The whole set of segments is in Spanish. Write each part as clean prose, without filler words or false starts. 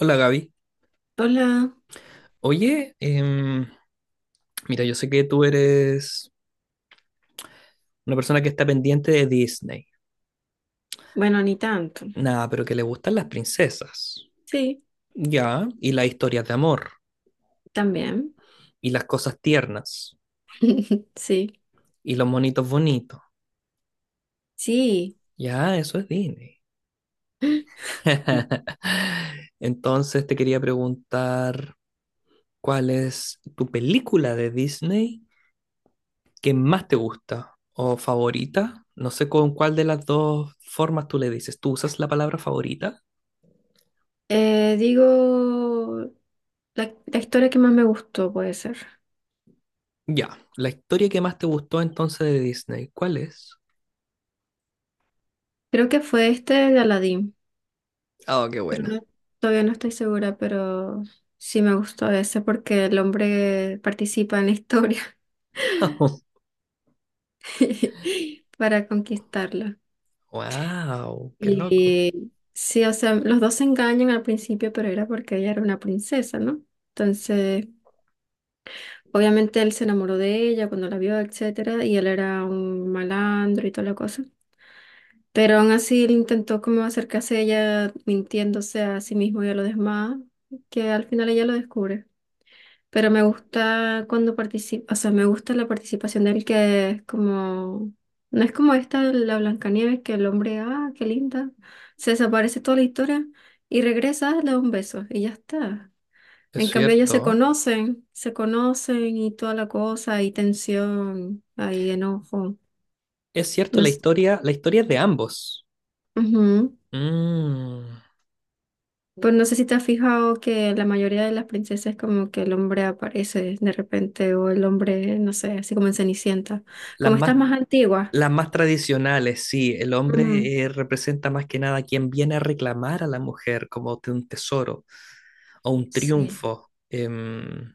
Hola Gaby. Hola, Oye, mira, yo sé que tú eres una persona que está pendiente de Disney. bueno, ni tanto. Nada, pero que le gustan las princesas. Sí, Ya, y las historias de amor, también. y las cosas tiernas, Sí, y los monitos bonitos. sí. Ya, eso es Disney. Entonces te quería preguntar, ¿cuál es tu película de Disney que más te gusta o favorita? No sé con cuál de las dos formas tú le dices. ¿Tú usas la palabra favorita? Eh, digo, la historia que más me gustó puede ser. Ya, la historia que más te gustó entonces de Disney, ¿cuál es? Creo que fue este de Aladdin, Oh, qué pero buena. todavía no estoy segura, pero sí me gustó ese porque el hombre participa en la historia para conquistarla. Wow, qué Y loco. sí, o sea, los dos se engañan al principio, pero era porque ella era una princesa, ¿no? Entonces... Obviamente él se enamoró de ella cuando la vio, etcétera, y él era un malandro y toda la cosa. Pero aún así él intentó como acercarse a ella mintiéndose a sí mismo y a los demás, que al final ella lo descubre. Pero me gusta cuando participa, o sea, me gusta la participación de él que es como, no es como esta la Blancanieves que el hombre, ah, qué linda, se desaparece toda la historia y regresa, le da un beso y ya está. Es En cambio, ellos cierto. Se conocen y toda la cosa, hay tensión, hay enojo. Es No cierto, s- la historia es de ambos. Ujú. Mm, Pues no sé si te has fijado que la mayoría de las princesas como que el hombre aparece de repente o el hombre, no sé, así como en Cenicienta. las Como estas más, más Mm. antiguas. las más tradicionales, sí. El Ujú. hombre representa más que nada a quien viene a reclamar a la mujer como de un tesoro o un Sí. triunfo.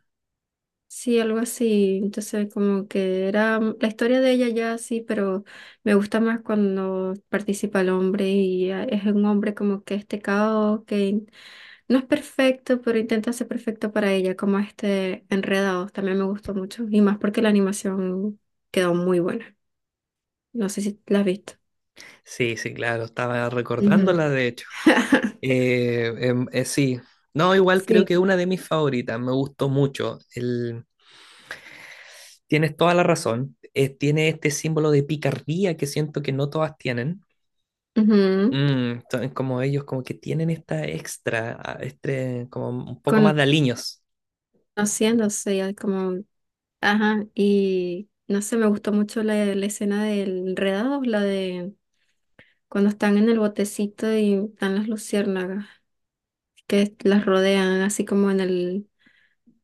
Sí, algo así. Entonces, como que era la historia de ella ya sí, pero me gusta más cuando participa el hombre y ah, es un hombre como que este caos, que no es perfecto, pero intenta ser perfecto para ella, como este Enredados. También me gustó mucho y más porque la animación quedó muy buena. No sé si la has visto. Sí, sí, claro. Estaba Ujú. recordándola, de hecho. Sí, no, igual creo Sí. que una de mis favoritas, me gustó mucho. Tienes toda la razón, tiene este símbolo de picardía que siento que no todas tienen. Ujú. Mm, son como ellos, como que tienen esta extra, ah, este, como un poco más de aliños. Conociéndose ya como ajá, y no sé, me gustó mucho la escena del enredado, la de cuando están en el botecito y están las luciérnagas que las rodean, así como en el,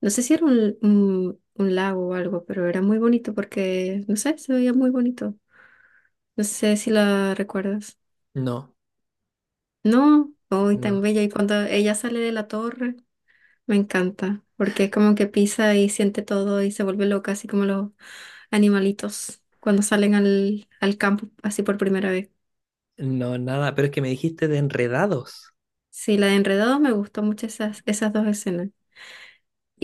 no sé si era un lago o algo, pero era muy bonito porque, no sé, se veía muy bonito. No sé si la recuerdas. No, No, hoy tan no, bella. Y cuando ella sale de la torre. Me encanta, porque como que pisa y siente todo y se vuelve loca, así como los animalitos cuando salen al campo así por primera vez. no, nada, pero es que me dijiste de enredados. Sí, la de Enredados me gustó mucho esas, esas dos escenas.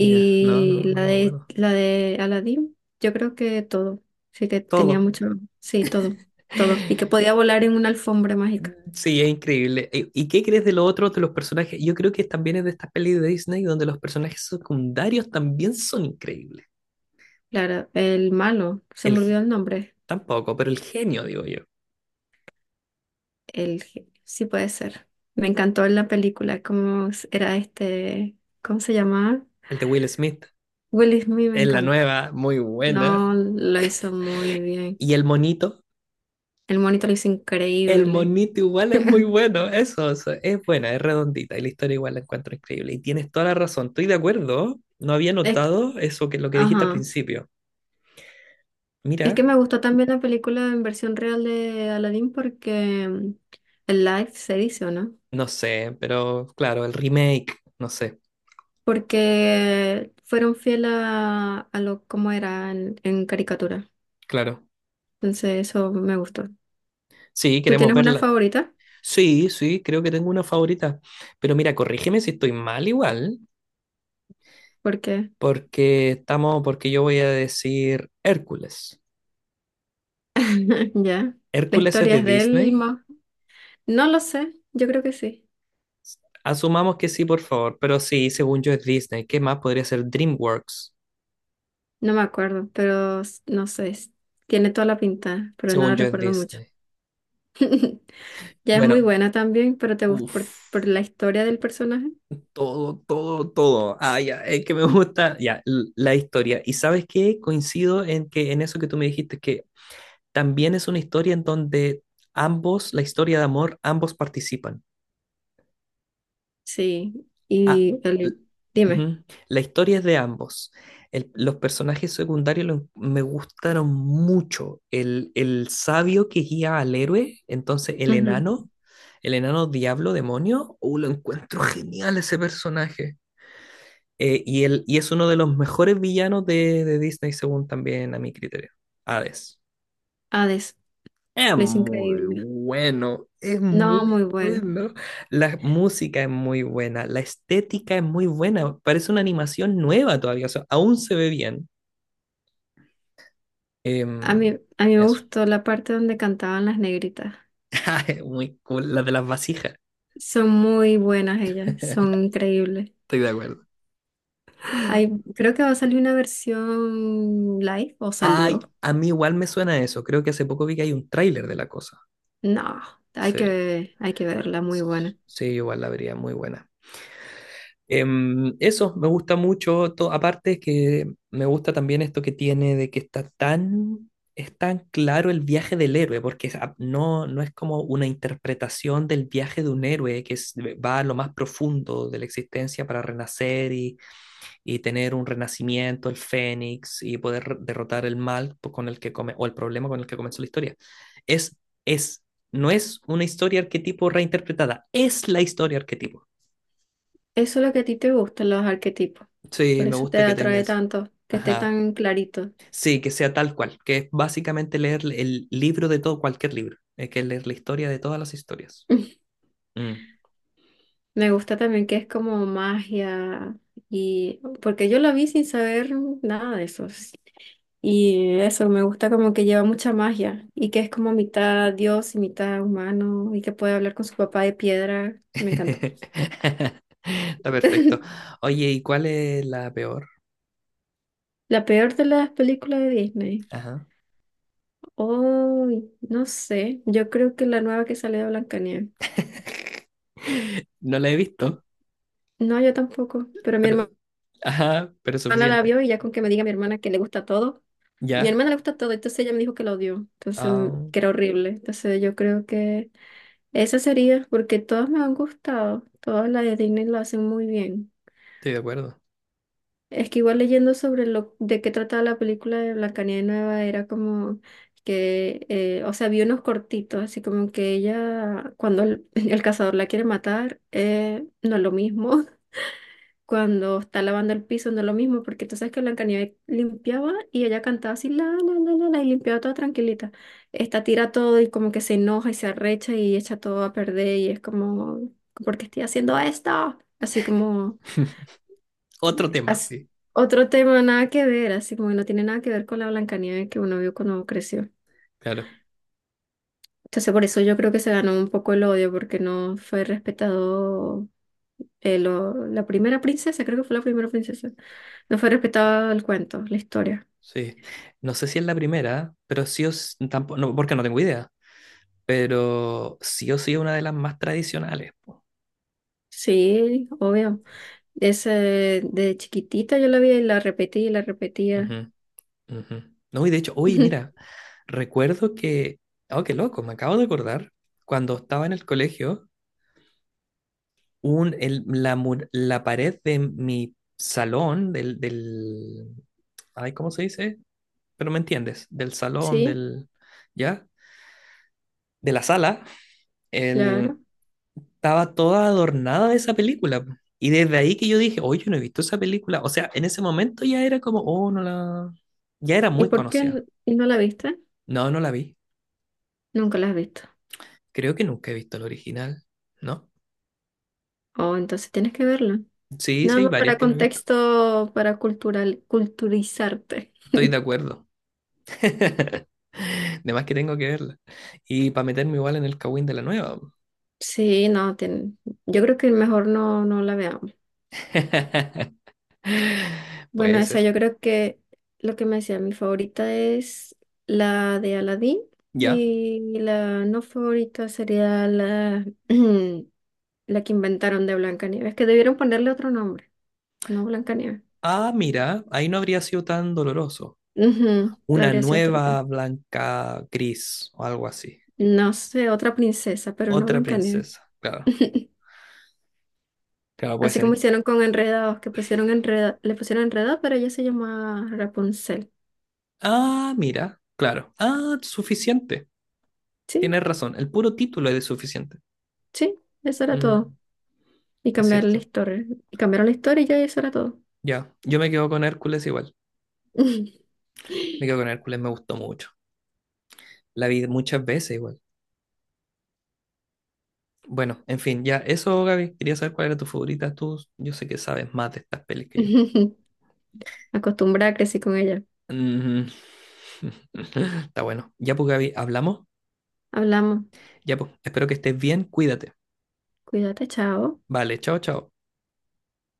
Ya, no, no, no me acuerdo. la de Aladdin, yo creo que todo. Sí que tenía Todo. mucho, sí, todo, todo. Y que podía volar en una alfombra mágica. Sí, es increíble. ¿Y qué crees de lo otro de los personajes? Yo creo que también es de estas pelis de Disney donde los personajes secundarios también son increíbles. Claro, el malo, se El, me olvidó el nombre. tampoco, pero el genio, digo yo. El, ge- sí puede ser. Me encantó en la película cómo era este, ¿cómo se llamaba? El de Will Smith. Will Smith me Es la encanta. nueva, muy buena. No, lo hizo muy bien. Y el monito. El monito lo hizo El increíble. monito igual es muy bueno. Eso, es buena, es redondita. Y la historia igual la encuentro increíble. Y tienes toda la razón. Estoy de acuerdo. No había Es, notado eso que lo que dijiste al ajá. principio. Es que Mira, me gustó también la película en versión real de Aladdin porque el live se dice, ¿o no? no sé, pero claro, el remake, no sé, Porque fueron fieles a lo como era en caricatura. claro. Entonces eso me gustó. Sí, ¿Tú queremos tienes una verla. favorita? Sí, sí, creo que tengo una favorita. Pero mira, corrígeme si estoy mal igual, Porque porque estamos, porque yo voy a decir Hércules. ya, la ¿Hércules es historia de es de él. Disney? No lo sé, yo creo que sí. Asumamos que sí, por favor, pero sí, según yo es Disney. ¿Qué más podría ser DreamWorks? No me acuerdo, pero no sé, tiene toda la pinta, pero no la Según yo es recuerdo mucho. Disney. Ya es muy Bueno, buena también, pero te gusta por uff, la historia del personaje. todo, todo, todo. Ah, ya, es que me gusta, ya, la historia. ¿Y sabes qué? Coincido en que en eso que tú me dijiste, que también es una historia en donde ambos, la historia de amor, ambos participan. Sí, Ah, y l- el, dime, ujú. La historia es de ambos. Los personajes secundarios me gustaron mucho. El sabio que guía al héroe, entonces ujú, el enano diablo, demonio, oh, lo encuentro genial ese personaje. Y es uno de los mejores villanos de Disney, según también a mi criterio. Hades. Hades, Es lo es muy increíble. bueno, es No, muy muy bueno. bueno. La música es muy buena, la estética es muy buena. Parece una animación nueva todavía, o sea, aún se ve bien. A mí, Em, a mí me eso. gustó la parte donde cantaban las negritas. Muy cool, la de las vasijas. Son muy buenas ellas, son Estoy increíbles. de acuerdo. Hay, creo que va a salir una versión live o salió. Ay, a mí igual me suena eso. Creo que hace poco vi que hay un tráiler de la cosa. No, Sí. Hay que verla, muy buena. Sí, igual la vería muy buena. Eso, me gusta mucho. Aparte que me gusta también esto que tiene de que está tan, es tan claro el viaje del héroe, porque no, no es como una interpretación del viaje de un héroe va a lo más profundo de la existencia para renacer y tener un renacimiento, el fénix, y poder derrotar el mal con el que come, o el problema con el que comenzó la historia. Es, es, no es una historia arquetipo reinterpretada, es la historia arquetipo. Eso es lo que a ti te gusta, los arquetipos. Por Sí, me eso te gusta que tenga atrae eso. tanto, que esté Ajá. tan clarito. Sí, que sea tal cual, que es básicamente leer el libro de todo, cualquier libro. Es que leer la historia de todas las historias. Mm. Me gusta también que es como magia y porque yo la vi sin saber nada de eso. Sí. Y eso, me gusta como que lleva mucha magia y que es como mitad dios y mitad humano y que puede hablar con su papá de piedra. Me encantó. Está perfecto. Oye, ¿y cuál es la peor? La peor de las películas de Disney. Ajá. Oh, no sé. Yo creo que la nueva que sale de Blancanieves. No la he visto, No, yo tampoco. Pero mi hermano pero... Ajá, pero es hermana la suficiente. vio y ya con que me diga mi hermana que le gusta todo. Mi Ya. hermana le gusta todo, entonces ella me dijo que lo odió, entonces Ah, que era horrible. Entonces yo creo que esa sería, porque todas me han gustado, todas las de Disney lo hacen muy bien. estoy de acuerdo. Es que igual leyendo sobre lo de qué trataba la película de Blancanieves Nueva era como que, o sea, vi unos cortitos, así como que ella, cuando el, el cazador la quiere matar, no es lo mismo. Cuando está lavando el piso no es lo mismo, porque tú sabes que Blancanieves limpiaba y ella cantaba así, la, y limpiaba toda tranquilita. Esta tira todo y como que se enoja y se arrecha y echa todo a perder y es como, ¿por qué estoy haciendo esto? Así como, Otro tema, as- sí. otro tema nada que ver, así como que no tiene nada que ver con la Blancanieves que uno vio cuando creció. Claro. Entonces por eso yo creo que se ganó un poco el odio, porque no fue respetado la primera princesa, creo que fue la primera princesa, no fue respetado el cuento, la historia. Sí. No sé si es la primera, pero sí os... Tampoco, no, porque no tengo idea. Pero sí o sí es una de las más tradicionales. Po. Sí, obvio. Esa de chiquitita yo la vi y la repetí y la repetía. Ujú, ujú. No, y de hecho, uy mira, recuerdo que, oh, qué loco, me acabo de acordar, cuando estaba en el colegio, un, el- la, mu la pared de mi salón, ay, ¿cómo se dice? Pero me entiendes, del salón, Sí, del, ¿ya? De la sala, claro. el, estaba toda adornada de esa película. Po. Y desde ahí que yo dije, oye, yo no he visto esa película. O sea, en ese momento ya era como, oh, no la... Ya era ¿Y muy por qué conocida. Y no la viste? No, no la vi. Nunca la has visto. Creo que nunca he visto el original, ¿no? Oh, entonces tienes que verla. Sí, Nada sí, hay más varias para que no he visto. contexto, para cultural, culturizarte. Estoy de acuerdo. De más que tengo que verla. Y para meterme igual en el Kawin de la nueva. Sí, no, yo creo que mejor no, no la veamos. Bueno, Puede esa ser. yo creo que lo que me decía, mi favorita es la de Aladdin Ya. y la no favorita sería la la que inventaron de Blancanieves, que debieron ponerle otro nombre, no Blancanieves. Ah, mira, ahí no habría sido tan doloroso. Ujú, Una habría sido otro tema. nueva blanca gris o algo así. No sé, otra princesa, pero no Otra Blancanieves. princesa, claro. Claro, puede Así ser. como hicieron con Enredados, que pusieron enreda, le pusieron Enredados, pero ella se llamaba Rapunzel. Ah, mira, claro. Ah, suficiente. Sí, Tienes razón. El puro título es de suficiente. sí, eso era Mm, todo. Y es cambiaron la cierto. historia. Y cambiaron la historia y ya eso era todo. Ya, yo me quedo con Hércules igual. Me quedo con Hércules, me gustó mucho. La vi muchas veces igual. Bueno, en fin, ya eso, Gaby. Quería saber cuál era tu favorita. Tú, yo sé que sabes más de estas pelis que yo. Acostumbrada, crecí con ella. Mm. Está bueno. Ya pues, Gaby, hablamos. Hablamos. Ya pues, espero que estés bien. Cuídate. Cuídate, chao. Vale, chao, chao.